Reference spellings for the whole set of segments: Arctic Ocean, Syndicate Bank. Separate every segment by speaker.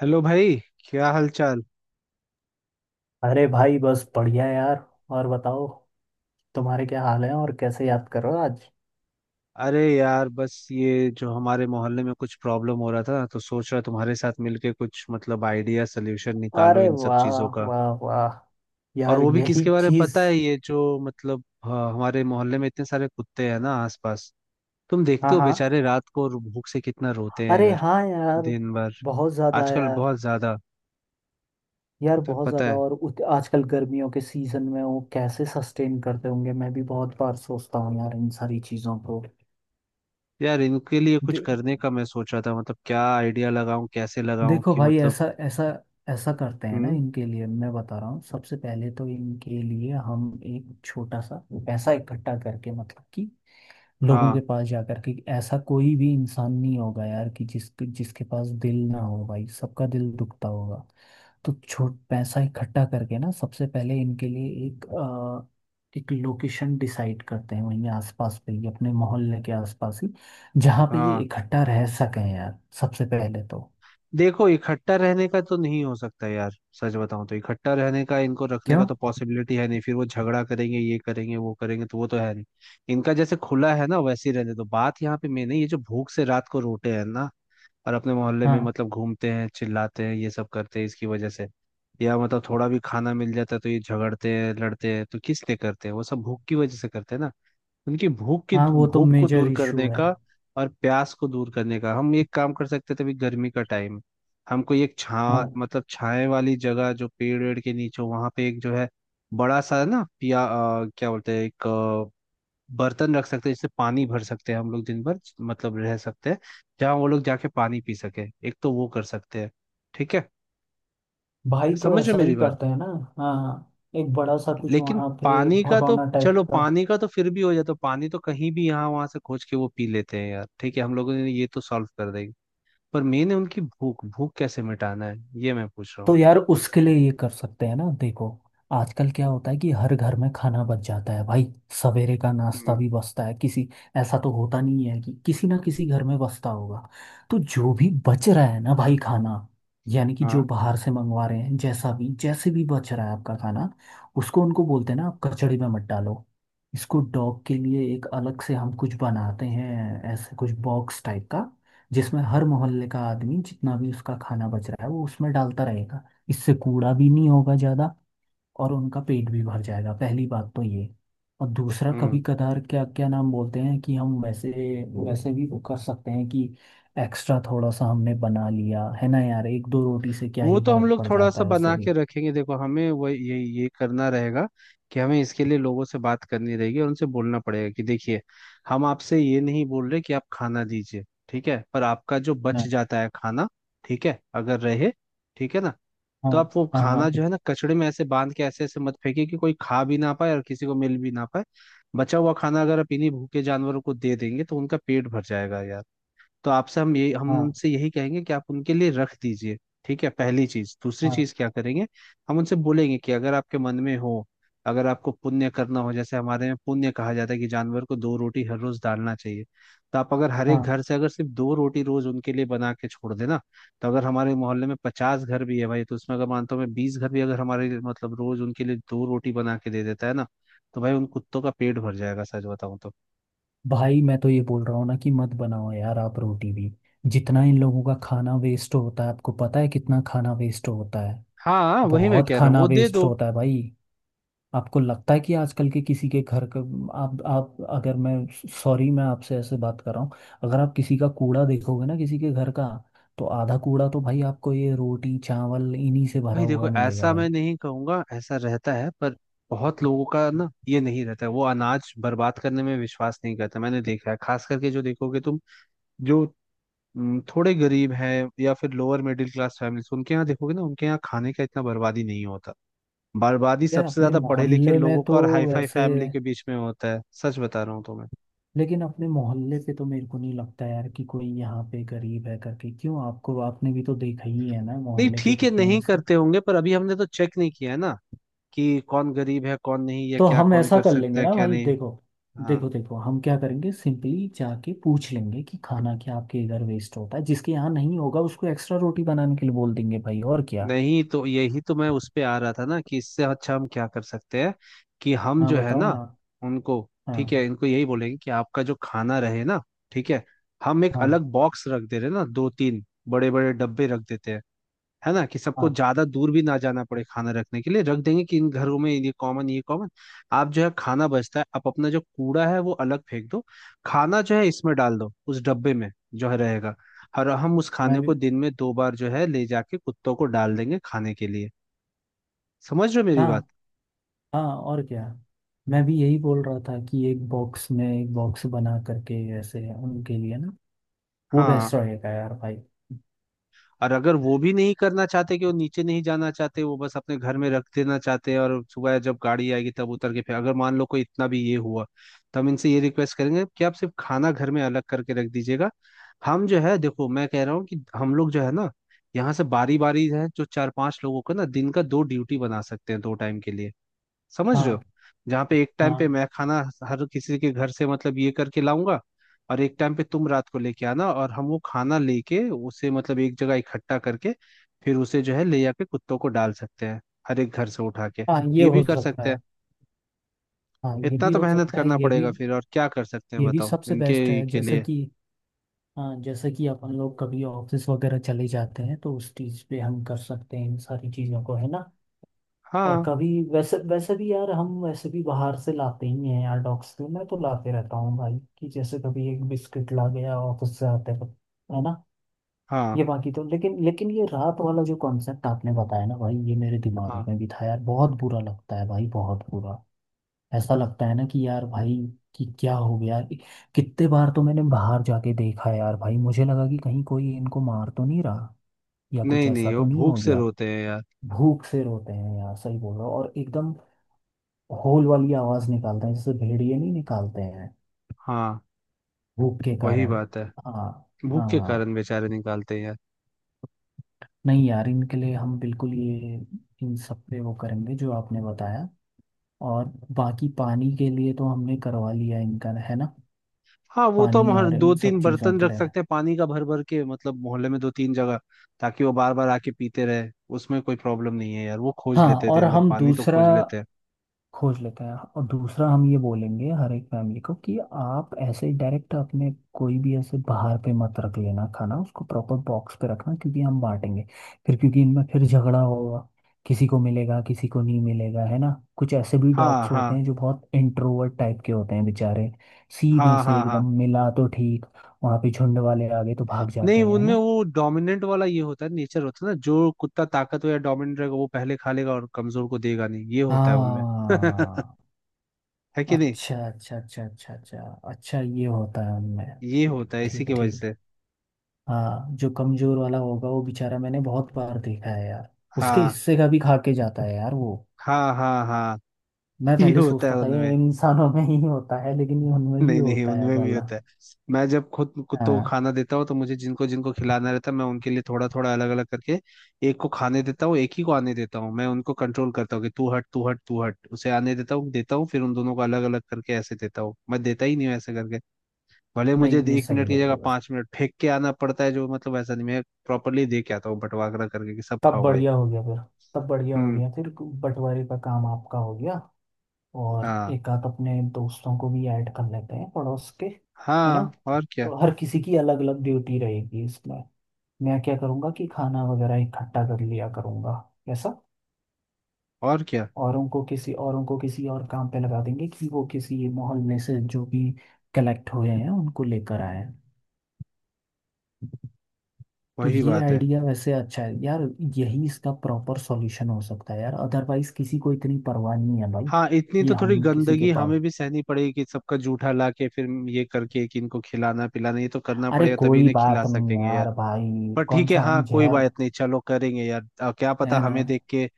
Speaker 1: Hello भाई। क्या हाल चाल।
Speaker 2: अरे भाई बस बढ़िया यार। और बताओ, तुम्हारे क्या हाल है और कैसे याद कर रहे हो आज।
Speaker 1: अरे यार बस ये जो हमारे मोहल्ले में कुछ प्रॉब्लम हो रहा था, तो सोच रहा तुम्हारे साथ मिलके कुछ मतलब आइडिया सोल्यूशन निकालो
Speaker 2: अरे
Speaker 1: इन सब
Speaker 2: वाह,
Speaker 1: चीजों का।
Speaker 2: वाह वाह
Speaker 1: और
Speaker 2: यार,
Speaker 1: वो भी
Speaker 2: यही
Speaker 1: किसके बारे में
Speaker 2: चीज।
Speaker 1: पता है? ये जो मतलब, हाँ, हमारे मोहल्ले में इतने सारे कुत्ते हैं ना आसपास। तुम
Speaker 2: हाँ
Speaker 1: देखते हो
Speaker 2: हाँ,
Speaker 1: बेचारे रात को भूख से कितना रोते हैं
Speaker 2: अरे
Speaker 1: यार।
Speaker 2: हाँ यार,
Speaker 1: दिन भर।
Speaker 2: बहुत ज्यादा
Speaker 1: आजकल
Speaker 2: यार।
Speaker 1: बहुत ज्यादा।
Speaker 2: यार
Speaker 1: तो
Speaker 2: बहुत
Speaker 1: पता
Speaker 2: ज्यादा
Speaker 1: है
Speaker 2: और आजकल गर्मियों के सीजन में वो कैसे सस्टेन करते होंगे, मैं भी बहुत बार सोचता हूँ यार इन सारी चीजों को।
Speaker 1: यार, इनके लिए कुछ
Speaker 2: दे,
Speaker 1: करने का मैं सोच रहा था, मतलब क्या आइडिया लगाऊं, कैसे लगाऊं
Speaker 2: देखो
Speaker 1: कि
Speaker 2: भाई,
Speaker 1: मतलब।
Speaker 2: ऐसा ऐसा ऐसा करते हैं ना,
Speaker 1: हम्म।
Speaker 2: इनके लिए मैं बता रहा हूँ। सबसे पहले तो इनके लिए हम एक छोटा सा पैसा इकट्ठा करके मतलब कि लोगों के
Speaker 1: हाँ,
Speaker 2: पास जाकर के, ऐसा कोई भी इंसान नहीं होगा यार कि जिसके पास दिल ना हो, भाई सबका दिल दुखता होगा। तो छोट पैसा इकट्ठा करके ना सबसे पहले इनके लिए एक लोकेशन डिसाइड करते हैं, वहीं आसपास पे ही, अपने मोहल्ले के आसपास ही, जहाँ पे ये
Speaker 1: हाँ।
Speaker 2: इकट्ठा रह सकें यार सबसे पहले तो।
Speaker 1: देखो, इकट्ठा रहने का तो नहीं हो सकता यार। सच बताऊं तो इकट्ठा रहने का, इनको रखने का
Speaker 2: क्यों?
Speaker 1: तो पॉसिबिलिटी है नहीं, फिर वो झगड़ा करेंगे ये करेंगे वो करेंगे, तो वो तो है नहीं। इनका जैसे खुला है ना वैसे ही रहने दो। बात यहाँ पे मेन है ये जो भूख से रात को रोते हैं ना, और अपने मोहल्ले में
Speaker 2: हाँ
Speaker 1: मतलब घूमते हैं चिल्लाते हैं ये सब करते हैं इसकी वजह से। या मतलब थोड़ा भी खाना मिल जाता है तो ये झगड़ते हैं लड़ते हैं, तो किस लिए करते हैं? वो सब भूख की वजह से करते हैं ना। उनकी भूख की,
Speaker 2: हाँ, वो तो
Speaker 1: भूख को
Speaker 2: मेजर
Speaker 1: दूर
Speaker 2: इशू
Speaker 1: करने
Speaker 2: है।
Speaker 1: का और प्यास को दूर करने का हम एक काम कर सकते थे। अभी गर्मी का टाइम। हम कोई एक छा
Speaker 2: हाँ,
Speaker 1: मतलब छाए वाली जगह, जो पेड़ वेड़ के नीचे, वहां पे एक जो है बड़ा सा ना, क्या बोलते हैं, एक बर्तन रख सकते हैं, जिससे पानी भर सकते हैं, हम लोग दिन भर मतलब रह सकते हैं, जहाँ वो लोग जाके पानी पी सके। एक तो वो कर सकते हैं। ठीक है?
Speaker 2: भाई तो
Speaker 1: समझ रहे हो
Speaker 2: ऐसा ही
Speaker 1: मेरी बात?
Speaker 2: करते हैं ना। हाँ, एक बड़ा सा कुछ
Speaker 1: लेकिन
Speaker 2: वहाँ पे
Speaker 1: पानी का तो
Speaker 2: भगोना टाइप
Speaker 1: चलो,
Speaker 2: का।
Speaker 1: पानी का तो फिर भी हो जाता, पानी तो कहीं भी यहाँ वहां से खोज के वो पी लेते हैं यार, ठीक है, हम लोगों ने ये तो सॉल्व कर देंगे। पर मेन है उनकी भूख, भूख कैसे मिटाना है, ये मैं पूछ रहा
Speaker 2: तो
Speaker 1: हूँ।
Speaker 2: यार उसके लिए ये कर सकते हैं ना, देखो, आजकल क्या होता है कि हर घर में खाना बच जाता है भाई। सवेरे का नाश्ता
Speaker 1: हम्म।
Speaker 2: भी बचता है किसी। ऐसा तो होता नहीं है कि किसी ना किसी घर में बचता होगा। तो जो भी बच रहा है ना भाई खाना, यानी कि
Speaker 1: हाँ।
Speaker 2: जो बाहर से मंगवा रहे हैं, जैसा भी जैसे भी बच रहा है आपका खाना, उसको उनको बोलते हैं ना, आप कचड़ी में मत डालो। इसको डॉग के लिए एक अलग से हम कुछ बनाते हैं, ऐसे कुछ बॉक्स टाइप का, जिसमें हर मोहल्ले का आदमी जितना भी उसका खाना बच रहा है वो उसमें डालता रहेगा। इससे कूड़ा भी नहीं होगा ज्यादा, और उनका पेट भी भर जाएगा, पहली बात तो ये। और दूसरा, कभी
Speaker 1: हम्म।
Speaker 2: कदार क्या क्या नाम बोलते हैं कि हम वैसे, वैसे भी वो कर सकते हैं कि एक्स्ट्रा थोड़ा सा हमने बना लिया है ना यार, एक दो रोटी से क्या
Speaker 1: वो
Speaker 2: ही
Speaker 1: तो हम
Speaker 2: फर्क
Speaker 1: लोग
Speaker 2: पड़
Speaker 1: थोड़ा
Speaker 2: जाता
Speaker 1: सा
Speaker 2: है वैसे
Speaker 1: बना
Speaker 2: भी।
Speaker 1: के रखेंगे। देखो, हमें वो ये करना रहेगा कि हमें इसके लिए लोगों से बात करनी रहेगी और उनसे बोलना पड़ेगा कि देखिए, हम आपसे ये नहीं बोल रहे कि आप खाना दीजिए, ठीक है, पर आपका जो बच
Speaker 2: हाँ
Speaker 1: जाता है खाना, ठीक है अगर रहे, ठीक है ना,
Speaker 2: हाँ
Speaker 1: तो आप वो
Speaker 2: हाँ,
Speaker 1: खाना
Speaker 2: हाँ
Speaker 1: जो है ना, कचड़े में ऐसे बांध के ऐसे ऐसे मत फेंकिए कि कोई खा भी ना पाए और किसी को मिल भी ना पाए। बचा हुआ खाना अगर आप इन्हीं भूखे जानवरों को दे देंगे तो उनका पेट भर जाएगा यार। तो आपसे हम ये हम
Speaker 2: हाँ
Speaker 1: उनसे यही कहेंगे कि आप उनके लिए रख दीजिए। ठीक है, पहली चीज। दूसरी
Speaker 2: हाँ
Speaker 1: चीज क्या करेंगे? हम उनसे बोलेंगे कि अगर आपके मन में हो, अगर आपको पुण्य करना हो, जैसे हमारे में पुण्य कहा जाता है कि जानवर को दो रोटी हर रोज डालना चाहिए, तो आप अगर हर एक
Speaker 2: हाँ।
Speaker 1: घर से अगर सिर्फ दो रोटी रोज उनके लिए बना के छोड़ देना, तो अगर हमारे मोहल्ले में 50 घर भी है भाई, तो उसमें अगर मानता हूँ मैं 20 घर भी अगर हमारे लिए मतलब रोज उनके लिए दो रोटी बना के दे देता है ना, तो भाई उन कुत्तों का पेट भर जाएगा सच बताऊं तो।
Speaker 2: भाई मैं तो ये बोल रहा हूँ ना कि मत बनाओ यार आप रोटी भी। जितना इन लोगों का खाना वेस्ट होता है, आपको पता है कितना खाना वेस्ट होता है।
Speaker 1: हाँ, वही मैं
Speaker 2: बहुत
Speaker 1: कह रहा हूँ,
Speaker 2: खाना
Speaker 1: वो दे
Speaker 2: वेस्ट
Speaker 1: दो।
Speaker 2: होता है भाई। आपको लगता है कि आजकल के किसी के घर का, आप अगर मैं, सॉरी मैं आपसे ऐसे बात कर रहा हूँ, अगर आप किसी का कूड़ा देखोगे ना किसी के घर का, तो आधा कूड़ा तो भाई आपको ये रोटी चावल इन्हीं से भरा
Speaker 1: भाई देखो,
Speaker 2: हुआ मिलेगा
Speaker 1: ऐसा
Speaker 2: भाई।
Speaker 1: मैं नहीं कहूंगा ऐसा रहता है, पर बहुत लोगों का ना ये नहीं रहता है, वो अनाज बर्बाद करने में विश्वास नहीं करते। मैंने देखा है, खास करके जो देखोगे तुम, जो थोड़े गरीब हैं या फिर लोअर मिडिल क्लास फैमिलीज, उनके यहाँ देखोगे ना, उनके यहाँ खाने का इतना बर्बादी नहीं होता। बर्बादी
Speaker 2: यार
Speaker 1: सबसे
Speaker 2: अपने
Speaker 1: ज्यादा पढ़े लिखे
Speaker 2: मोहल्ले में
Speaker 1: लोगों का
Speaker 2: तो
Speaker 1: और हाई फाई
Speaker 2: वैसे,
Speaker 1: फैमिली के बीच में होता है, सच बता रहा हूँ तुम्हें।
Speaker 2: लेकिन अपने मोहल्ले पे तो मेरे को नहीं लगता यार कि कोई यहाँ पे गरीब है करके। क्यों आपको, आपने भी तो देखा ही है ना
Speaker 1: नहीं,
Speaker 2: मोहल्ले के
Speaker 1: ठीक है,
Speaker 2: कितने
Speaker 1: नहीं
Speaker 2: इस।
Speaker 1: करते होंगे, पर अभी हमने तो चेक नहीं किया है ना कि कौन गरीब है कौन नहीं, या
Speaker 2: तो
Speaker 1: क्या
Speaker 2: हम
Speaker 1: कौन
Speaker 2: ऐसा
Speaker 1: कर
Speaker 2: कर
Speaker 1: सकता
Speaker 2: लेंगे
Speaker 1: है
Speaker 2: ना
Speaker 1: क्या
Speaker 2: भाई,
Speaker 1: नहीं।
Speaker 2: देखो,
Speaker 1: हाँ।
Speaker 2: देखो हम क्या करेंगे, सिंपली जाके पूछ लेंगे कि खाना क्या आपके इधर वेस्ट होता है, जिसके यहाँ नहीं होगा उसको एक्स्ट्रा रोटी बनाने के लिए बोल देंगे भाई, और क्या।
Speaker 1: नहीं, तो यही तो मैं उस पे आ रहा था ना कि इससे अच्छा हम क्या कर सकते हैं कि हम
Speaker 2: हाँ
Speaker 1: जो है
Speaker 2: बताओ
Speaker 1: ना,
Speaker 2: ना।
Speaker 1: उनको, ठीक है,
Speaker 2: हाँ
Speaker 1: इनको यही बोलेंगे कि आपका जो खाना रहे ना, ठीक है, हम एक
Speaker 2: हाँ
Speaker 1: अलग बॉक्स रख दे रहे हैं ना, दो तीन बड़े बड़े डब्बे रख देते हैं, है ना, कि सबको
Speaker 2: हाँ।
Speaker 1: ज्यादा दूर भी ना जाना पड़े खाना रखने के लिए, रख देंगे कि इन घरों में ये कॉमन, ये कॉमन। आप जो है खाना बचता है, आप अपना जो कूड़ा है वो अलग फेंक दो, खाना जो है इसमें डाल दो, उस डब्बे में जो है रहेगा, और हम उस खाने
Speaker 2: मैं
Speaker 1: को
Speaker 2: भी,
Speaker 1: दिन में दो बार जो है ले जाके कुत्तों को डाल देंगे खाने के लिए। समझ रहे हो मेरी बात?
Speaker 2: हाँ हाँ, और क्या। मैं भी यही बोल रहा था कि एक बॉक्स में, एक बॉक्स बना करके ऐसे उनके लिए ना, वो बेस्ट
Speaker 1: हाँ।
Speaker 2: रहेगा यार भाई।
Speaker 1: और अगर वो भी नहीं करना चाहते कि वो नीचे नहीं जाना चाहते, वो बस अपने घर में रख देना चाहते हैं और सुबह जब गाड़ी आएगी तब उतर के, फिर अगर मान लो कोई इतना भी ये हुआ, तो हम इनसे ये रिक्वेस्ट करेंगे कि आप सिर्फ खाना घर में अलग करके रख दीजिएगा। हम जो है, देखो मैं कह रहा हूँ कि हम लोग जो है ना, यहाँ से बारी बारी है, जो चार पांच लोगों का ना दिन का दो ड्यूटी बना सकते हैं दो टाइम के लिए, समझ रहे
Speaker 2: हाँ,
Speaker 1: हो? जहाँ पे एक टाइम पे
Speaker 2: हाँ
Speaker 1: मैं खाना हर किसी के घर से मतलब ये करके लाऊंगा, और एक टाइम पे तुम रात को लेके आना, और हम वो खाना लेके उसे मतलब एक जगह इकट्ठा करके फिर उसे जो है ले जाके कुत्तों को डाल सकते हैं हर एक घर से उठा के।
Speaker 2: हाँ, ये
Speaker 1: ये भी
Speaker 2: हो
Speaker 1: कर
Speaker 2: सकता
Speaker 1: सकते
Speaker 2: है।
Speaker 1: हैं।
Speaker 2: हाँ ये
Speaker 1: इतना
Speaker 2: भी
Speaker 1: तो
Speaker 2: हो
Speaker 1: मेहनत
Speaker 2: सकता है,
Speaker 1: करना
Speaker 2: ये भी।
Speaker 1: पड़ेगा। फिर और क्या कर सकते हैं
Speaker 2: ये भी
Speaker 1: बताओ
Speaker 2: सबसे बेस्ट
Speaker 1: इनके
Speaker 2: है,
Speaker 1: के
Speaker 2: जैसे
Speaker 1: लिए?
Speaker 2: कि, हाँ जैसे कि अपन लोग कभी ऑफिस वगैरह चले जाते हैं तो उस चीज़ पे हम कर सकते हैं इन सारी चीज़ों को, है ना। और
Speaker 1: हाँ,
Speaker 2: कभी, वैसे वैसे भी यार, हम वैसे भी बाहर से लाते ही हैं यार डॉग्स के, मैं तो लाते रहता हूँ भाई, कि जैसे कभी एक बिस्किट ला गया ऑफिस से आते वक्त, है ना।
Speaker 1: हाँ,
Speaker 2: ये बाकी तो, लेकिन लेकिन ये रात वाला जो कॉन्सेप्ट आपने बताया ना भाई, ये मेरे दिमाग
Speaker 1: हाँ।
Speaker 2: में भी था यार। बहुत बुरा लगता है भाई, बहुत बुरा। ऐसा लगता है ना कि यार भाई, कि क्या हो गया कि- कितने बार तो मैंने बाहर जाके देखा यार भाई, मुझे लगा कि कहीं कोई इनको मार तो नहीं रहा, या कुछ
Speaker 1: नहीं
Speaker 2: ऐसा
Speaker 1: नहीं, वो
Speaker 2: तो नहीं
Speaker 1: भूख
Speaker 2: हो
Speaker 1: से
Speaker 2: गया।
Speaker 1: रोते हैं यार।
Speaker 2: भूख से रोते हैं यार, सही बोल रहा हूँ, और एकदम होल वाली आवाज निकालते हैं, जैसे भेड़िए नहीं निकालते हैं,
Speaker 1: हाँ,
Speaker 2: भूख के
Speaker 1: वही
Speaker 2: कारण।
Speaker 1: बात है।
Speaker 2: हाँ
Speaker 1: भूख के
Speaker 2: हाँ।
Speaker 1: कारण बेचारे निकालते हैं यार।
Speaker 2: नहीं यार, इनके लिए हम बिल्कुल ये, इन सब पे वो करेंगे जो आपने बताया। और बाकी पानी के लिए तो हमने करवा लिया इनका, है ना,
Speaker 1: हाँ, वो तो हम
Speaker 2: पानी
Speaker 1: हर
Speaker 2: और
Speaker 1: दो
Speaker 2: इन सब
Speaker 1: तीन
Speaker 2: चीज़ों
Speaker 1: बर्तन
Speaker 2: के
Speaker 1: रख
Speaker 2: लिए।
Speaker 1: सकते हैं पानी का, भर भर के, मतलब मोहल्ले में दो तीन जगह, ताकि वो बार बार आके पीते रहे। उसमें कोई प्रॉब्लम नहीं है यार, वो खोज
Speaker 2: हाँ,
Speaker 1: लेते हैं
Speaker 2: और
Speaker 1: दिन भर,
Speaker 2: हम
Speaker 1: पानी तो
Speaker 2: दूसरा,
Speaker 1: खोज लेते हैं।
Speaker 2: खोज लेते हैं, और दूसरा हम ये बोलेंगे हर एक फैमिली को कि आप ऐसे ही डायरेक्ट अपने, कोई भी ऐसे बाहर पे मत रख लेना खाना, उसको प्रॉपर बॉक्स पे रखना, क्योंकि हम बांटेंगे फिर, क्योंकि इनमें फिर झगड़ा होगा, किसी को मिलेगा किसी को नहीं मिलेगा, है ना। कुछ ऐसे भी
Speaker 1: हाँ,
Speaker 2: डॉग्स
Speaker 1: हाँ,
Speaker 2: होते हैं जो बहुत इंट्रोवर्ट टाइप के होते हैं बेचारे, सीधे
Speaker 1: हाँ,
Speaker 2: से
Speaker 1: हाँ, हाँ।
Speaker 2: एकदम मिला तो ठीक, वहां पे झुंड वाले आ गए तो भाग जाते
Speaker 1: नहीं,
Speaker 2: हैं, है
Speaker 1: उनमें
Speaker 2: ना।
Speaker 1: वो डोमिनेंट वाला ये होता है, नेचर होता है ना, जो कुत्ता ताकतवर या डोमिनेंट रहेगा वो पहले खा लेगा और कमजोर को देगा नहीं, ये होता है उनमें।
Speaker 2: हाँ,
Speaker 1: है कि नहीं?
Speaker 2: अच्छा अच्छा अच्छा अच्छा अच्छा, अच्छा ये होता है उनमें।
Speaker 1: ये होता है इसी
Speaker 2: ठीक
Speaker 1: की वजह
Speaker 2: ठीक।
Speaker 1: से।
Speaker 2: हाँ, जो कमजोर वाला होगा वो बेचारा, मैंने बहुत बार देखा है यार, उसके
Speaker 1: हाँ,
Speaker 2: हिस्से का भी खा के जाता है यार वो।
Speaker 1: हाँ, हाँ, हाँ।
Speaker 2: मैं
Speaker 1: ये
Speaker 2: पहले
Speaker 1: होता है
Speaker 2: सोचता था ये
Speaker 1: उनमें।
Speaker 2: इंसानों में ही होता है, लेकिन ये उनमें भी
Speaker 1: नहीं नहीं,
Speaker 2: होता है
Speaker 1: उनमें भी
Speaker 2: वाला।
Speaker 1: होता है। मैं जब खुद कुत्तों को
Speaker 2: हाँ।
Speaker 1: खाना देता हूँ तो मुझे जिनको जिनको खिलाना रहता है, मैं उनके लिए थोड़ा थोड़ा अलग अलग करके एक को खाने देता हूँ, एक ही को आने देता हूँ। मैं उनको कंट्रोल करता हूँ कि तू हट तू हट तू हट, उसे आने देता हूँ फिर उन दोनों को अलग अलग करके ऐसे देता हूँ, मैं देता ही नहीं हूँ ऐसे करके। भले मुझे
Speaker 2: नहीं ये
Speaker 1: 1 मिनट
Speaker 2: सही
Speaker 1: की
Speaker 2: है,
Speaker 1: जगह 5 मिनट फेंक के आना पड़ता है, जो मतलब ऐसा नहीं, मैं प्रॉपरली दे के आता हूँ बंटवारा करके कि सब
Speaker 2: तब
Speaker 1: खाओ भाई।
Speaker 2: बढ़िया हो गया फिर, तब बढ़िया हो
Speaker 1: हम्म।
Speaker 2: गया फिर, बंटवारे का काम आपका हो गया। और
Speaker 1: हाँ,
Speaker 2: एक आध अपने दोस्तों को भी ऐड कर लेते हैं पड़ोस के, है ना।
Speaker 1: हाँ। और क्या,
Speaker 2: तो हर किसी की अलग अलग ड्यूटी रहेगी इसमें, मैं क्या करूँगा कि खाना वगैरह इकट्ठा कर लिया करूँगा। कैसा?
Speaker 1: और क्या,
Speaker 2: औरों को किसी और काम पे लगा देंगे कि वो किसी मोहल्ले से जो भी कलेक्ट हुए हैं उनको लेकर आए। तो
Speaker 1: वही
Speaker 2: ये
Speaker 1: बात है।
Speaker 2: आइडिया वैसे अच्छा है यार, यही इसका प्रॉपर सॉल्यूशन हो सकता है यार, अदरवाइज किसी को इतनी परवाह नहीं है भाई
Speaker 1: हाँ, इतनी
Speaker 2: कि
Speaker 1: तो थोड़ी
Speaker 2: हम किसी के
Speaker 1: गंदगी
Speaker 2: पास।
Speaker 1: हमें भी सहनी पड़ेगी कि सबका जूठा ला के, फिर ये करके कि इनको खिलाना पिलाना, ये तो करना
Speaker 2: अरे
Speaker 1: पड़ेगा तभी
Speaker 2: कोई
Speaker 1: इन्हें खिला
Speaker 2: बात नहीं
Speaker 1: सकेंगे यार।
Speaker 2: यार भाई,
Speaker 1: पर
Speaker 2: कौन
Speaker 1: ठीक है,
Speaker 2: सा
Speaker 1: हाँ,
Speaker 2: हम
Speaker 1: कोई
Speaker 2: जहर,
Speaker 1: बात नहीं, चलो करेंगे यार। क्या पता
Speaker 2: है ना।
Speaker 1: हमें देख के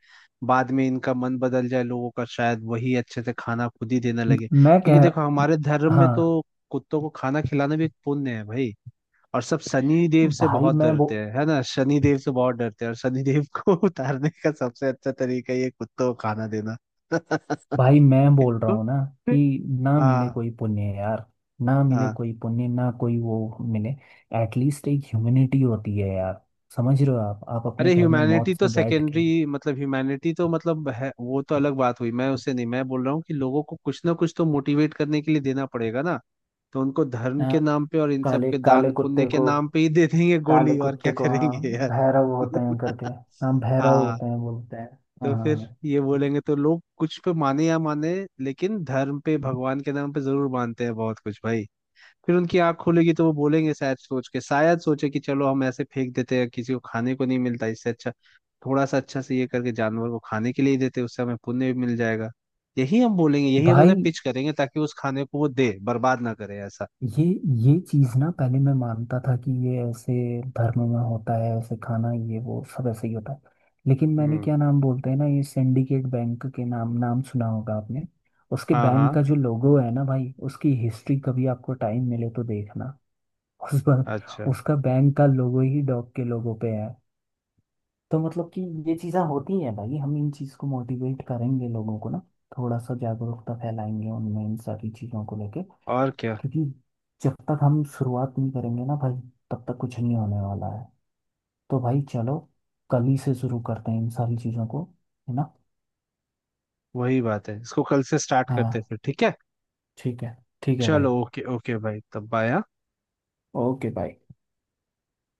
Speaker 1: बाद में इनका मन बदल जाए लोगों का, शायद वही अच्छे से खाना खुद ही देने
Speaker 2: म-
Speaker 1: लगे,
Speaker 2: मैं
Speaker 1: क्योंकि
Speaker 2: कह
Speaker 1: देखो
Speaker 2: रहा,
Speaker 1: हमारे धर्म में
Speaker 2: हाँ,
Speaker 1: तो कुत्तों को खाना खिलाना भी एक पुण्य है भाई। और सब शनि देव से
Speaker 2: भाई
Speaker 1: बहुत
Speaker 2: मैं वो
Speaker 1: डरते हैं, है ना, शनि देव से बहुत डरते हैं, और शनि देव को उतारने का सबसे अच्छा तरीका ये कुत्तों को खाना देना।
Speaker 2: भाई मैं बोल रहा
Speaker 1: हिंदू।
Speaker 2: हूँ ना कि ना मिले
Speaker 1: हाँ,
Speaker 2: कोई पुण्य यार, ना मिले
Speaker 1: हाँ।
Speaker 2: कोई पुण्य, ना कोई वो मिले। एटलीस्ट एक ह्यूमिनिटी होती है यार, समझ रहे हो, आप अपने
Speaker 1: अरे,
Speaker 2: घर में मौत
Speaker 1: ह्यूमैनिटी तो
Speaker 2: से बैठ
Speaker 1: सेकेंडरी,
Speaker 2: के।
Speaker 1: मतलब ह्यूमैनिटी तो मतलब है, वो तो अलग बात हुई, मैं उससे नहीं, मैं बोल रहा हूँ कि लोगों को कुछ ना कुछ तो मोटिवेट करने के लिए देना पड़ेगा ना। तो उनको धर्म के
Speaker 2: हाँ,
Speaker 1: नाम पे और इन सब
Speaker 2: काले
Speaker 1: के
Speaker 2: काले
Speaker 1: दान पुण्य
Speaker 2: कुत्ते
Speaker 1: के
Speaker 2: को,
Speaker 1: नाम पे ही दे देंगे
Speaker 2: काले
Speaker 1: गोली, और क्या
Speaker 2: कुत्ते को, हाँ
Speaker 1: करेंगे यार।
Speaker 2: भैरव होते हैं करके, हाँ भैरव
Speaker 1: हाँ।
Speaker 2: होते हैं बोलते हैं,
Speaker 1: तो फिर
Speaker 2: हाँ।
Speaker 1: ये बोलेंगे तो लोग कुछ पे माने या माने, लेकिन धर्म पे, भगवान के नाम पे जरूर मानते हैं बहुत कुछ भाई। फिर उनकी आंख खुलेगी तो वो बोलेंगे शायद, सोच के शायद सोचे कि चलो, हम ऐसे फेंक देते हैं किसी को खाने को नहीं मिलता, इससे अच्छा थोड़ा सा अच्छा से ये करके जानवर को खाने के लिए ही देते, उससे हमें पुण्य भी मिल जाएगा। यही हम बोलेंगे, यही हम
Speaker 2: भाई
Speaker 1: उन्हें पिच करेंगे, ताकि उस खाने को वो दे, बर्बाद ना करे ऐसा।
Speaker 2: ये ये चीज़ ना पहले मैं मानता था कि ये ऐसे धर्म में होता है, ऐसे खाना ये वो सब ऐसे ही होता है। लेकिन मैंने,
Speaker 1: हम्म।
Speaker 2: क्या नाम बोलते हैं ना, ये सिंडिकेट बैंक के नाम नाम सुना होगा आपने। उसके
Speaker 1: हाँ,
Speaker 2: बैंक
Speaker 1: हाँ,
Speaker 2: का जो लोगो है ना भाई, उसकी हिस्ट्री कभी आपको टाइम मिले तो देखना, उस पर।
Speaker 1: अच्छा।
Speaker 2: उसका बैंक का लोगो ही डॉग के लोगो पे है। तो मतलब कि ये चीज़ें होती हैं भाई, हम इन चीज़ को मोटिवेट करेंगे लोगों को ना, थोड़ा सा जागरूकता फैलाएंगे उनमें इन सारी चीज़ों को लेके।
Speaker 1: और क्या,
Speaker 2: क्योंकि जब तक हम शुरुआत नहीं करेंगे ना भाई, तब तक कुछ नहीं होने वाला है। तो भाई चलो, कल ही से शुरू करते हैं इन सारी चीज़ों को, है ना।
Speaker 1: वही बात है। इसको कल से स्टार्ट करते हैं
Speaker 2: हाँ
Speaker 1: फिर, ठीक है।
Speaker 2: ठीक है, ठीक है भाई,
Speaker 1: चलो, ओके ओके भाई, तब बाय। हाँ।
Speaker 2: ओके भाई।